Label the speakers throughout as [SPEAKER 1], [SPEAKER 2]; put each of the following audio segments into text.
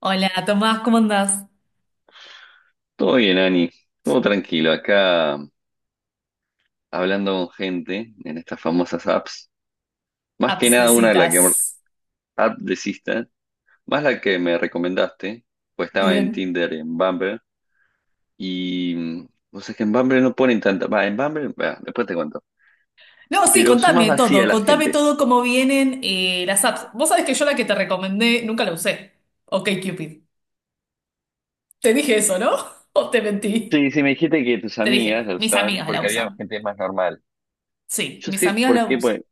[SPEAKER 1] Hola, Tomás, ¿cómo andás?
[SPEAKER 2] Todo bien, Ani. Todo tranquilo. Acá hablando con gente en estas famosas apps. Más que
[SPEAKER 1] Apps de
[SPEAKER 2] nada una de las
[SPEAKER 1] citas.
[SPEAKER 2] que app de Sista, más la que me recomendaste, pues estaba en
[SPEAKER 1] Bien.
[SPEAKER 2] Tinder, en Bumble. Y vos sabés que en Bumble no ponen tanta. Va, en Bumble, va, después te cuento.
[SPEAKER 1] No, sí,
[SPEAKER 2] Pero son más vacías la
[SPEAKER 1] contame
[SPEAKER 2] gente.
[SPEAKER 1] todo cómo vienen las apps. Vos sabés que yo la que te recomendé nunca la usé. Ok, Cupid. Te dije eso, ¿no? ¿O te mentí?
[SPEAKER 2] Sí, sí, me dijiste que tus
[SPEAKER 1] Te
[SPEAKER 2] amigas
[SPEAKER 1] dije,
[SPEAKER 2] la
[SPEAKER 1] mis
[SPEAKER 2] usaban
[SPEAKER 1] amigas la
[SPEAKER 2] porque había
[SPEAKER 1] usan.
[SPEAKER 2] gente más normal.
[SPEAKER 1] Sí,
[SPEAKER 2] Yo
[SPEAKER 1] mis
[SPEAKER 2] sé
[SPEAKER 1] amigas
[SPEAKER 2] por
[SPEAKER 1] la
[SPEAKER 2] qué,
[SPEAKER 1] usan.
[SPEAKER 2] pues.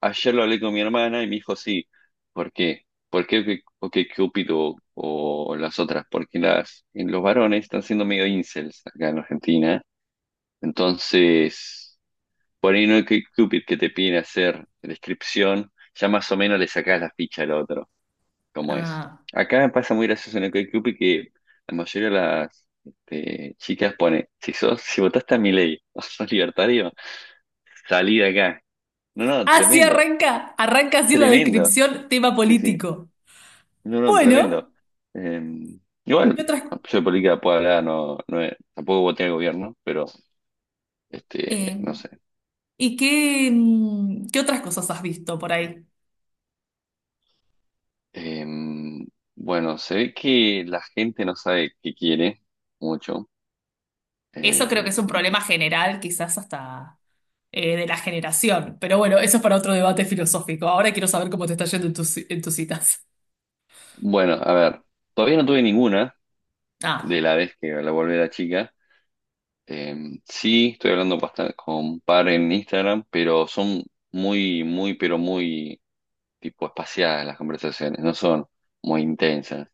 [SPEAKER 2] Ayer lo hablé con mi hermana y me dijo, sí, ¿por qué? ¿Por qué o que Cupido o las otras? Porque las, en los varones están siendo medio incels acá en Argentina. Entonces, por ahí no hay que Cupid que te piden hacer descripción, ya más o menos le sacás la ficha al otro, como es.
[SPEAKER 1] Ah.
[SPEAKER 2] Acá pasa muy gracioso en el Cupid que la mayoría de las chicas pone, si sos, si votaste a Milei o sos libertario, salí de acá. No, no,
[SPEAKER 1] Así
[SPEAKER 2] tremendo,
[SPEAKER 1] arranca, arranca así la
[SPEAKER 2] tremendo.
[SPEAKER 1] descripción, tema
[SPEAKER 2] Sí, sí.
[SPEAKER 1] político.
[SPEAKER 2] No, no,
[SPEAKER 1] Bueno,
[SPEAKER 2] tremendo. Eh, igual,
[SPEAKER 1] ¿qué otras,
[SPEAKER 2] yo de política puedo hablar, no, tampoco voté al gobierno, pero
[SPEAKER 1] eh,
[SPEAKER 2] no sé.
[SPEAKER 1] ¿y qué, mm, ¿qué otras cosas has visto por ahí?
[SPEAKER 2] Eh, bueno, se ve que la gente no sabe qué quiere mucho.
[SPEAKER 1] Eso
[SPEAKER 2] Eh,
[SPEAKER 1] creo que es un problema general, quizás hasta de la generación. Pero bueno, eso es para otro debate filosófico. Ahora quiero saber cómo te está yendo en tus citas.
[SPEAKER 2] bueno, a ver, todavía no tuve ninguna de
[SPEAKER 1] Ah,
[SPEAKER 2] la vez que la volví a la chica. Eh, sí, estoy hablando bastante con un par en Instagram, pero son muy, muy, pero muy tipo espaciadas las conversaciones, no son muy intensas.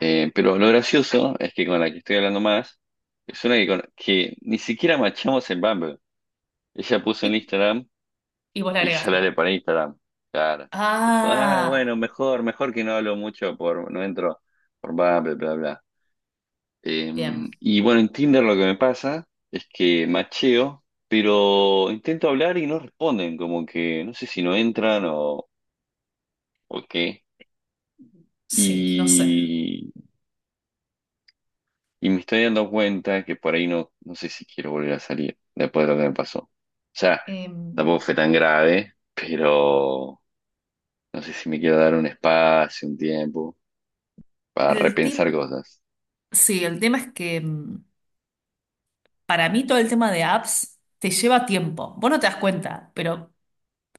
[SPEAKER 2] Pero lo gracioso es que con la que estoy hablando más es una que, que ni siquiera machamos en Bumble. Ella puso en
[SPEAKER 1] y,
[SPEAKER 2] Instagram
[SPEAKER 1] y vos le
[SPEAKER 2] y yo la
[SPEAKER 1] agregaste.
[SPEAKER 2] haré para Instagram. Claro. Dijo, ah, bueno,
[SPEAKER 1] Ah,
[SPEAKER 2] mejor, mejor que no hablo mucho por, no entro por Bumble, bla, bla. Eh,
[SPEAKER 1] bien.
[SPEAKER 2] y bueno, en Tinder lo que me pasa es que macheo, pero intento hablar y no responden, como que no sé si no entran o qué.
[SPEAKER 1] Sí, no sé.
[SPEAKER 2] Y me estoy dando cuenta que por ahí no, no sé si quiero volver a salir después de lo que me pasó. O sea,
[SPEAKER 1] Em,
[SPEAKER 2] tampoco fue tan grave, pero no sé si me quiero dar un espacio, un tiempo para
[SPEAKER 1] el
[SPEAKER 2] repensar
[SPEAKER 1] tim-
[SPEAKER 2] cosas.
[SPEAKER 1] sí, el tema es que para mí todo el tema de apps te lleva tiempo. Vos no te das cuenta, pero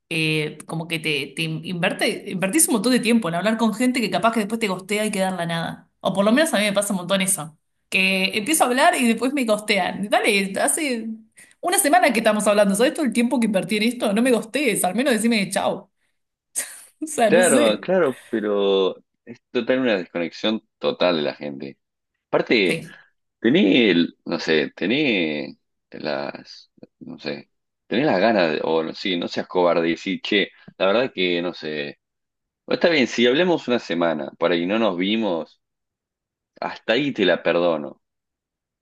[SPEAKER 1] como que te invertís un montón de tiempo en hablar con gente que capaz que después te gostea y queda en la nada. O por lo menos a mí me pasa un montón eso. Que empiezo a hablar y después me gostean. Dale, hace una semana que estamos hablando. ¿Sabes todo el tiempo que invertí en esto? No me gostees, al menos decime chao. O sea, no
[SPEAKER 2] Claro,
[SPEAKER 1] sé.
[SPEAKER 2] claro, pero es total una desconexión total de la gente. Aparte,
[SPEAKER 1] Sí,
[SPEAKER 2] tenés, no sé, tenés las, no sé, tenés las ganas de, o no- sí, no seas cobarde y decir, che, la verdad que no sé. Bueno, está bien, si hablamos una semana para que no nos vimos, hasta ahí te la perdono.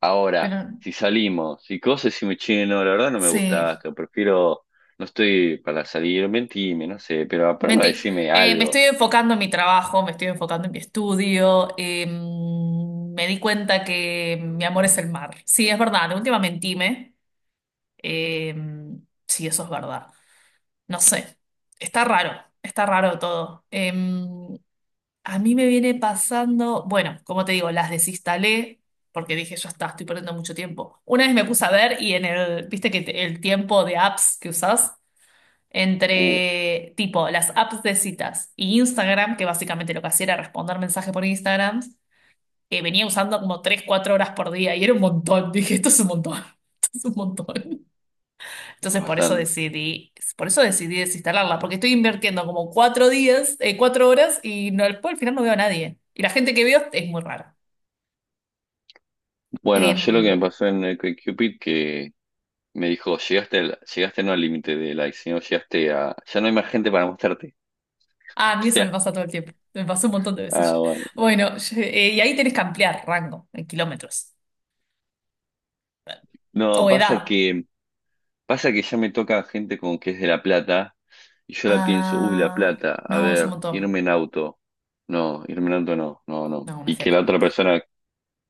[SPEAKER 2] Ahora,
[SPEAKER 1] pero
[SPEAKER 2] si salimos y cosas y me che, no, la verdad no me gusta
[SPEAKER 1] sí.
[SPEAKER 2] esto, prefiero, no estoy para salir, mentime, no sé, pero a prueba
[SPEAKER 1] Mentí.
[SPEAKER 2] decime
[SPEAKER 1] Me estoy
[SPEAKER 2] algo.
[SPEAKER 1] enfocando en mi trabajo, me estoy enfocando en mi estudio. Me di cuenta que mi amor es el mar. Sí, es verdad, de última mentime. Eh, sí, eso es verdad. No sé, está raro, está raro todo. A mí me viene pasando, bueno, como te digo, las desinstalé porque dije, ya está, estoy perdiendo mucho tiempo. Una vez me puse a ver y viste que el tiempo de apps que usás,
[SPEAKER 2] Uh,
[SPEAKER 1] entre tipo las apps de citas y Instagram, que básicamente lo que hacía era responder mensajes por Instagram, venía usando como 3 4 horas por día y era un montón. Dije, esto es un montón, esto es un montón.
[SPEAKER 2] es
[SPEAKER 1] Entonces por eso
[SPEAKER 2] bastante.
[SPEAKER 1] decidí, por eso decidí desinstalarla, porque estoy invirtiendo como 4 días, 4 horas y no, después al final no veo a nadie. Y la gente que veo es muy rara.
[SPEAKER 2] Bueno, yo lo que
[SPEAKER 1] Em,
[SPEAKER 2] me pasó en el Cupid que me dijo, llegaste no al límite de likes, sino llegaste a, ya no hay más gente para mostrarte.
[SPEAKER 1] ah, a mí eso me pasa todo el tiempo. Me pasó un montón de
[SPEAKER 2] O sea,
[SPEAKER 1] veces
[SPEAKER 2] ah,
[SPEAKER 1] ya.
[SPEAKER 2] bueno.
[SPEAKER 1] Bueno, y ahí tenés que ampliar rango en kilómetros
[SPEAKER 2] No,
[SPEAKER 1] o
[SPEAKER 2] pasa
[SPEAKER 1] edad.
[SPEAKER 2] que pasa que ya me toca gente con que es de La Plata y yo la pienso, uy, La
[SPEAKER 1] Ah,
[SPEAKER 2] Plata, a
[SPEAKER 1] no, es un
[SPEAKER 2] ver,
[SPEAKER 1] montón.
[SPEAKER 2] irme en auto. No, irme en auto no, no, no.
[SPEAKER 1] No, una
[SPEAKER 2] Y que la
[SPEAKER 1] fiaca.
[SPEAKER 2] otra persona,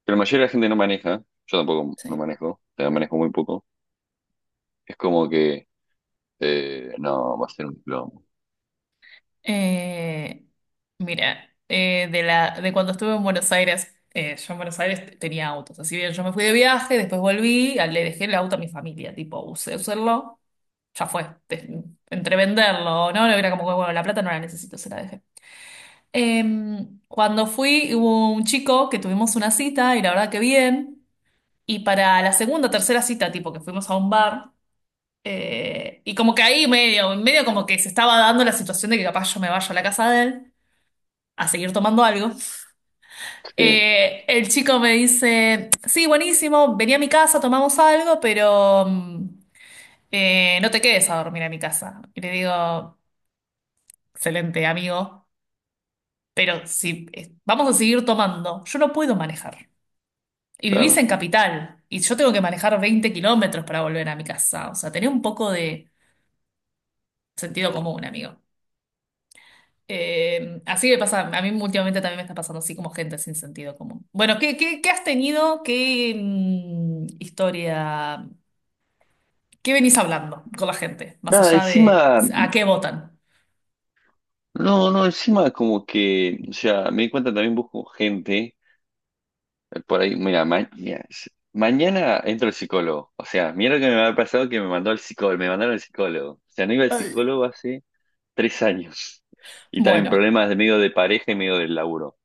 [SPEAKER 2] pero la mayoría de la gente no maneja, yo tampoco no
[SPEAKER 1] Sí.
[SPEAKER 2] manejo, o sea, manejo muy poco. Es como que, no, va a ser un plomo.
[SPEAKER 1] Eh, Mira, de cuando estuve en Buenos Aires, yo en Buenos Aires tenía autos. Así bien, yo me fui de viaje, después volví, le dejé el auto a mi familia, tipo, usé usarlo, ya fue. Entre venderlo, ¿no? Era como que, bueno, la plata no la necesito, se la dejé. Cuando fui, hubo un chico que tuvimos una cita y la verdad que bien. Y para la segunda tercera cita, tipo, que fuimos a un bar. Y como que ahí medio, medio como que se estaba dando la situación de que capaz yo me vaya a la casa de él a seguir tomando algo.
[SPEAKER 2] Sí,
[SPEAKER 1] El chico me dice, sí, buenísimo, vení a mi casa, tomamos algo, pero no te quedes a dormir a mi casa. Y le digo, excelente, amigo, pero si vamos a seguir tomando, yo no puedo manejar. Y vivís en
[SPEAKER 2] claro.
[SPEAKER 1] capital, y yo tengo que manejar 20 km para volver a mi casa. O sea, tenés un poco de sentido común, amigo. Así me pasa, a mí últimamente también me está pasando así como gente sin sentido común. Bueno, ¿qué has tenido? ¿Qué historia? ¿Qué venís hablando con la gente? Más
[SPEAKER 2] Nada,
[SPEAKER 1] allá de
[SPEAKER 2] encima,
[SPEAKER 1] a qué votan.
[SPEAKER 2] no, no, encima como que, o sea, me di cuenta también busco gente. Por ahí, mira, mira, mañana entro al psicólogo. O sea, mira lo que me había pasado que me mandó al psicólogo, me mandaron al psicólogo. O sea, no iba al psicólogo hace 3 años. Y también
[SPEAKER 1] Bueno,
[SPEAKER 2] problemas de medio de pareja y medio del laburo,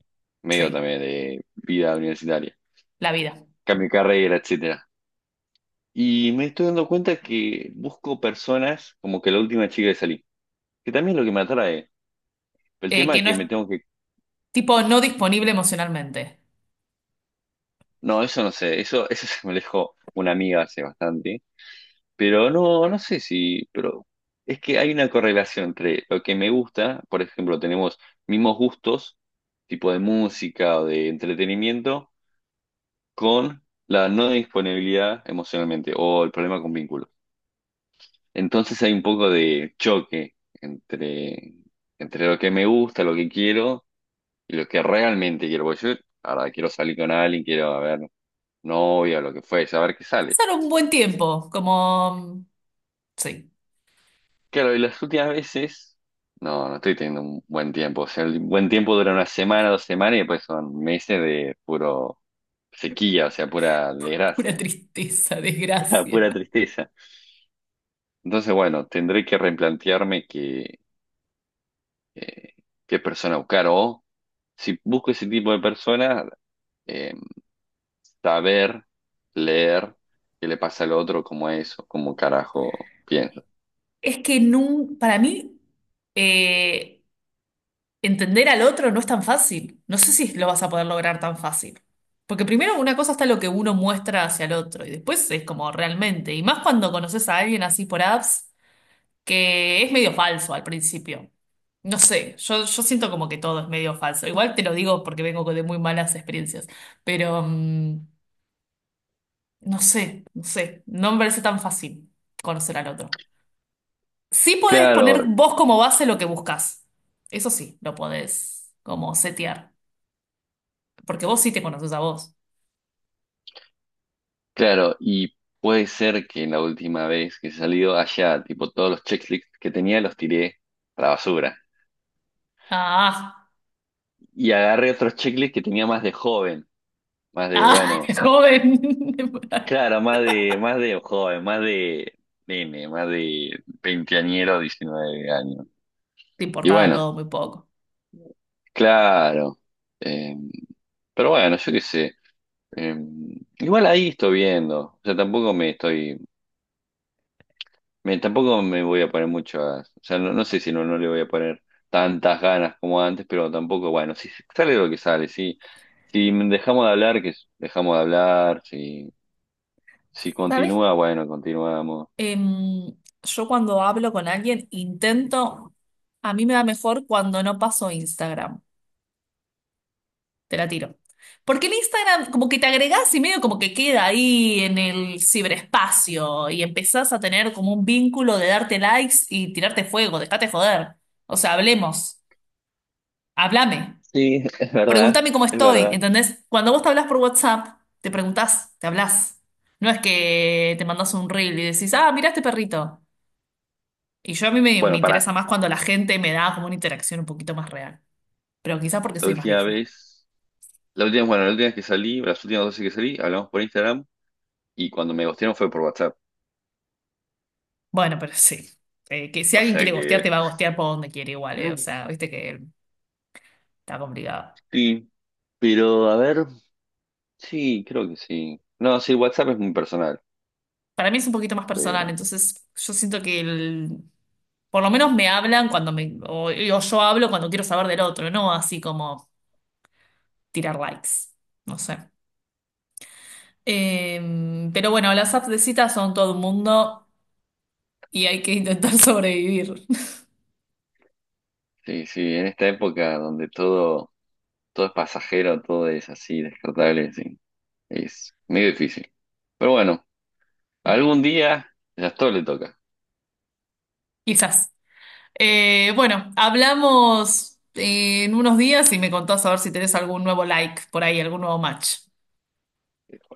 [SPEAKER 2] medio
[SPEAKER 1] sí,
[SPEAKER 2] también de vida universitaria,
[SPEAKER 1] la vida.
[SPEAKER 2] cambio de carrera, etcétera. Y me estoy dando cuenta que busco personas como que la última chica que salí, que también es lo que me atrae. El tema
[SPEAKER 1] Que
[SPEAKER 2] es
[SPEAKER 1] no
[SPEAKER 2] que
[SPEAKER 1] es
[SPEAKER 2] me tengo que.
[SPEAKER 1] tipo no disponible emocionalmente.
[SPEAKER 2] No, eso no sé, eso se me lo dejó una amiga hace bastante. Pero no, no sé si, pero es que hay una correlación entre lo que me gusta, por ejemplo, tenemos mismos gustos, tipo de música o de entretenimiento, con la no disponibilidad emocionalmente o el problema con vínculos. Entonces hay un poco de choque entre, entre lo que me gusta, lo que quiero y lo que realmente quiero. Porque yo, ahora quiero salir con alguien, quiero a ver novia, lo que fue, saber qué sale.
[SPEAKER 1] Pasar un buen tiempo, como, sí,
[SPEAKER 2] Claro, y las últimas veces, no, no estoy teniendo un buen tiempo. O sea, el buen tiempo dura una semana, dos semanas y después son meses de puro sequía, o sea, pura
[SPEAKER 1] pura
[SPEAKER 2] desgracia,
[SPEAKER 1] tristeza, desgracia.
[SPEAKER 2] pura tristeza. Entonces, bueno, tendré que replantearme que, eh, qué persona buscar o si busco ese tipo de persona, eh, saber, leer qué le pasa al otro, cómo es o cómo carajo piensa.
[SPEAKER 1] Es que para mí... Eh, Entender al otro no es tan fácil. No sé si lo vas a poder lograr tan fácil. Porque primero una cosa está lo que uno muestra hacia el otro y después es como realmente. Y más cuando conoces a alguien así por apps, que es medio falso al principio. No sé, yo siento como que todo es medio falso. Igual te lo digo porque vengo de muy malas experiencias. Pero no sé, no sé. No me parece tan fácil conocer al otro. Sí podés poner
[SPEAKER 2] Claro,
[SPEAKER 1] vos como base lo que buscas. Eso sí, lo podés como setear. Porque vos sí te conoces a vos.
[SPEAKER 2] claro, y puede ser que la última vez que he salido allá, tipo todos los checklists que tenía los tiré a la basura.
[SPEAKER 1] Ah,
[SPEAKER 2] Y agarré otros checklists que tenía más de joven, más de,
[SPEAKER 1] ah,
[SPEAKER 2] bueno,
[SPEAKER 1] joven.
[SPEAKER 2] claro, más de joven, más de nene, más de veinteañero, 19 años.
[SPEAKER 1] Te
[SPEAKER 2] Y
[SPEAKER 1] importaba
[SPEAKER 2] bueno,
[SPEAKER 1] todo muy poco.
[SPEAKER 2] claro. eh, pero bueno, yo qué sé. eh, igual ahí estoy viendo. O sea, tampoco me estoy. Tampoco me voy a poner muchas, o sea, no, no sé si no, no le voy a poner tantas ganas como antes, pero tampoco, bueno, si sale lo que sale, si, si dejamos de hablar, que dejamos de hablar, si, si
[SPEAKER 1] ¿Sabes?
[SPEAKER 2] continúa, bueno, continuamos.
[SPEAKER 1] Em, yo cuando hablo con alguien intento, a mí me va mejor cuando no paso Instagram. Te la tiro. Porque el Instagram como que te agregás y medio como que queda ahí en el ciberespacio y empezás a tener como un vínculo de darte likes y tirarte fuego, dejate joder. O sea, hablemos, háblame.
[SPEAKER 2] Sí, es verdad,
[SPEAKER 1] Pregúntame cómo
[SPEAKER 2] es
[SPEAKER 1] estoy,
[SPEAKER 2] verdad.
[SPEAKER 1] ¿entendés? Cuando vos te hablas por WhatsApp, te preguntás, te hablas. No es que te mandas un reel y decís, ah, mira este perrito. Y yo a mí me
[SPEAKER 2] Bueno, pará,
[SPEAKER 1] interesa más cuando la gente me da como una interacción un poquito más real. Pero quizás porque
[SPEAKER 2] la
[SPEAKER 1] soy más
[SPEAKER 2] última
[SPEAKER 1] vieja.
[SPEAKER 2] vez, la última, bueno, la última vez que salí, las últimas dos veces que salí, hablamos por Instagram y cuando me gustearon fue por WhatsApp,
[SPEAKER 1] Bueno, pero sí. Que si
[SPEAKER 2] o
[SPEAKER 1] alguien
[SPEAKER 2] sea
[SPEAKER 1] quiere gostear,
[SPEAKER 2] que...
[SPEAKER 1] te va a gostear por donde quiere igual, eh. O sea, viste que está complicado.
[SPEAKER 2] Sí, pero a ver, sí, creo que sí. No, sí, WhatsApp es muy personal.
[SPEAKER 1] Para mí es un poquito más personal,
[SPEAKER 2] Pero
[SPEAKER 1] entonces yo siento que por lo menos me hablan cuando me, o yo hablo cuando quiero saber del otro, no así como tirar likes. No sé. Eh, pero bueno, las apps de cita son todo un mundo y hay que intentar sobrevivir,
[SPEAKER 2] sí, sí, en esta época donde todo, todo es pasajero, todo es así, descartable, sí, es medio difícil. Pero bueno, algún día ya todo le toca.
[SPEAKER 1] quizás. Bueno, hablamos en unos días y me contás a ver si tenés algún nuevo like por ahí, algún nuevo match.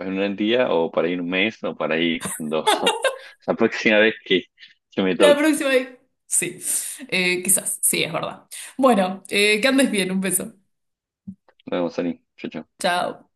[SPEAKER 2] En un día o para ir un mes o para ir cuando la próxima vez que me
[SPEAKER 1] La
[SPEAKER 2] toque.
[SPEAKER 1] próxima vez. Sí, quizás, sí, es verdad. Bueno, que andes bien, un beso.
[SPEAKER 2] Nos vemos, Ani. Chau, chau.
[SPEAKER 1] Chao.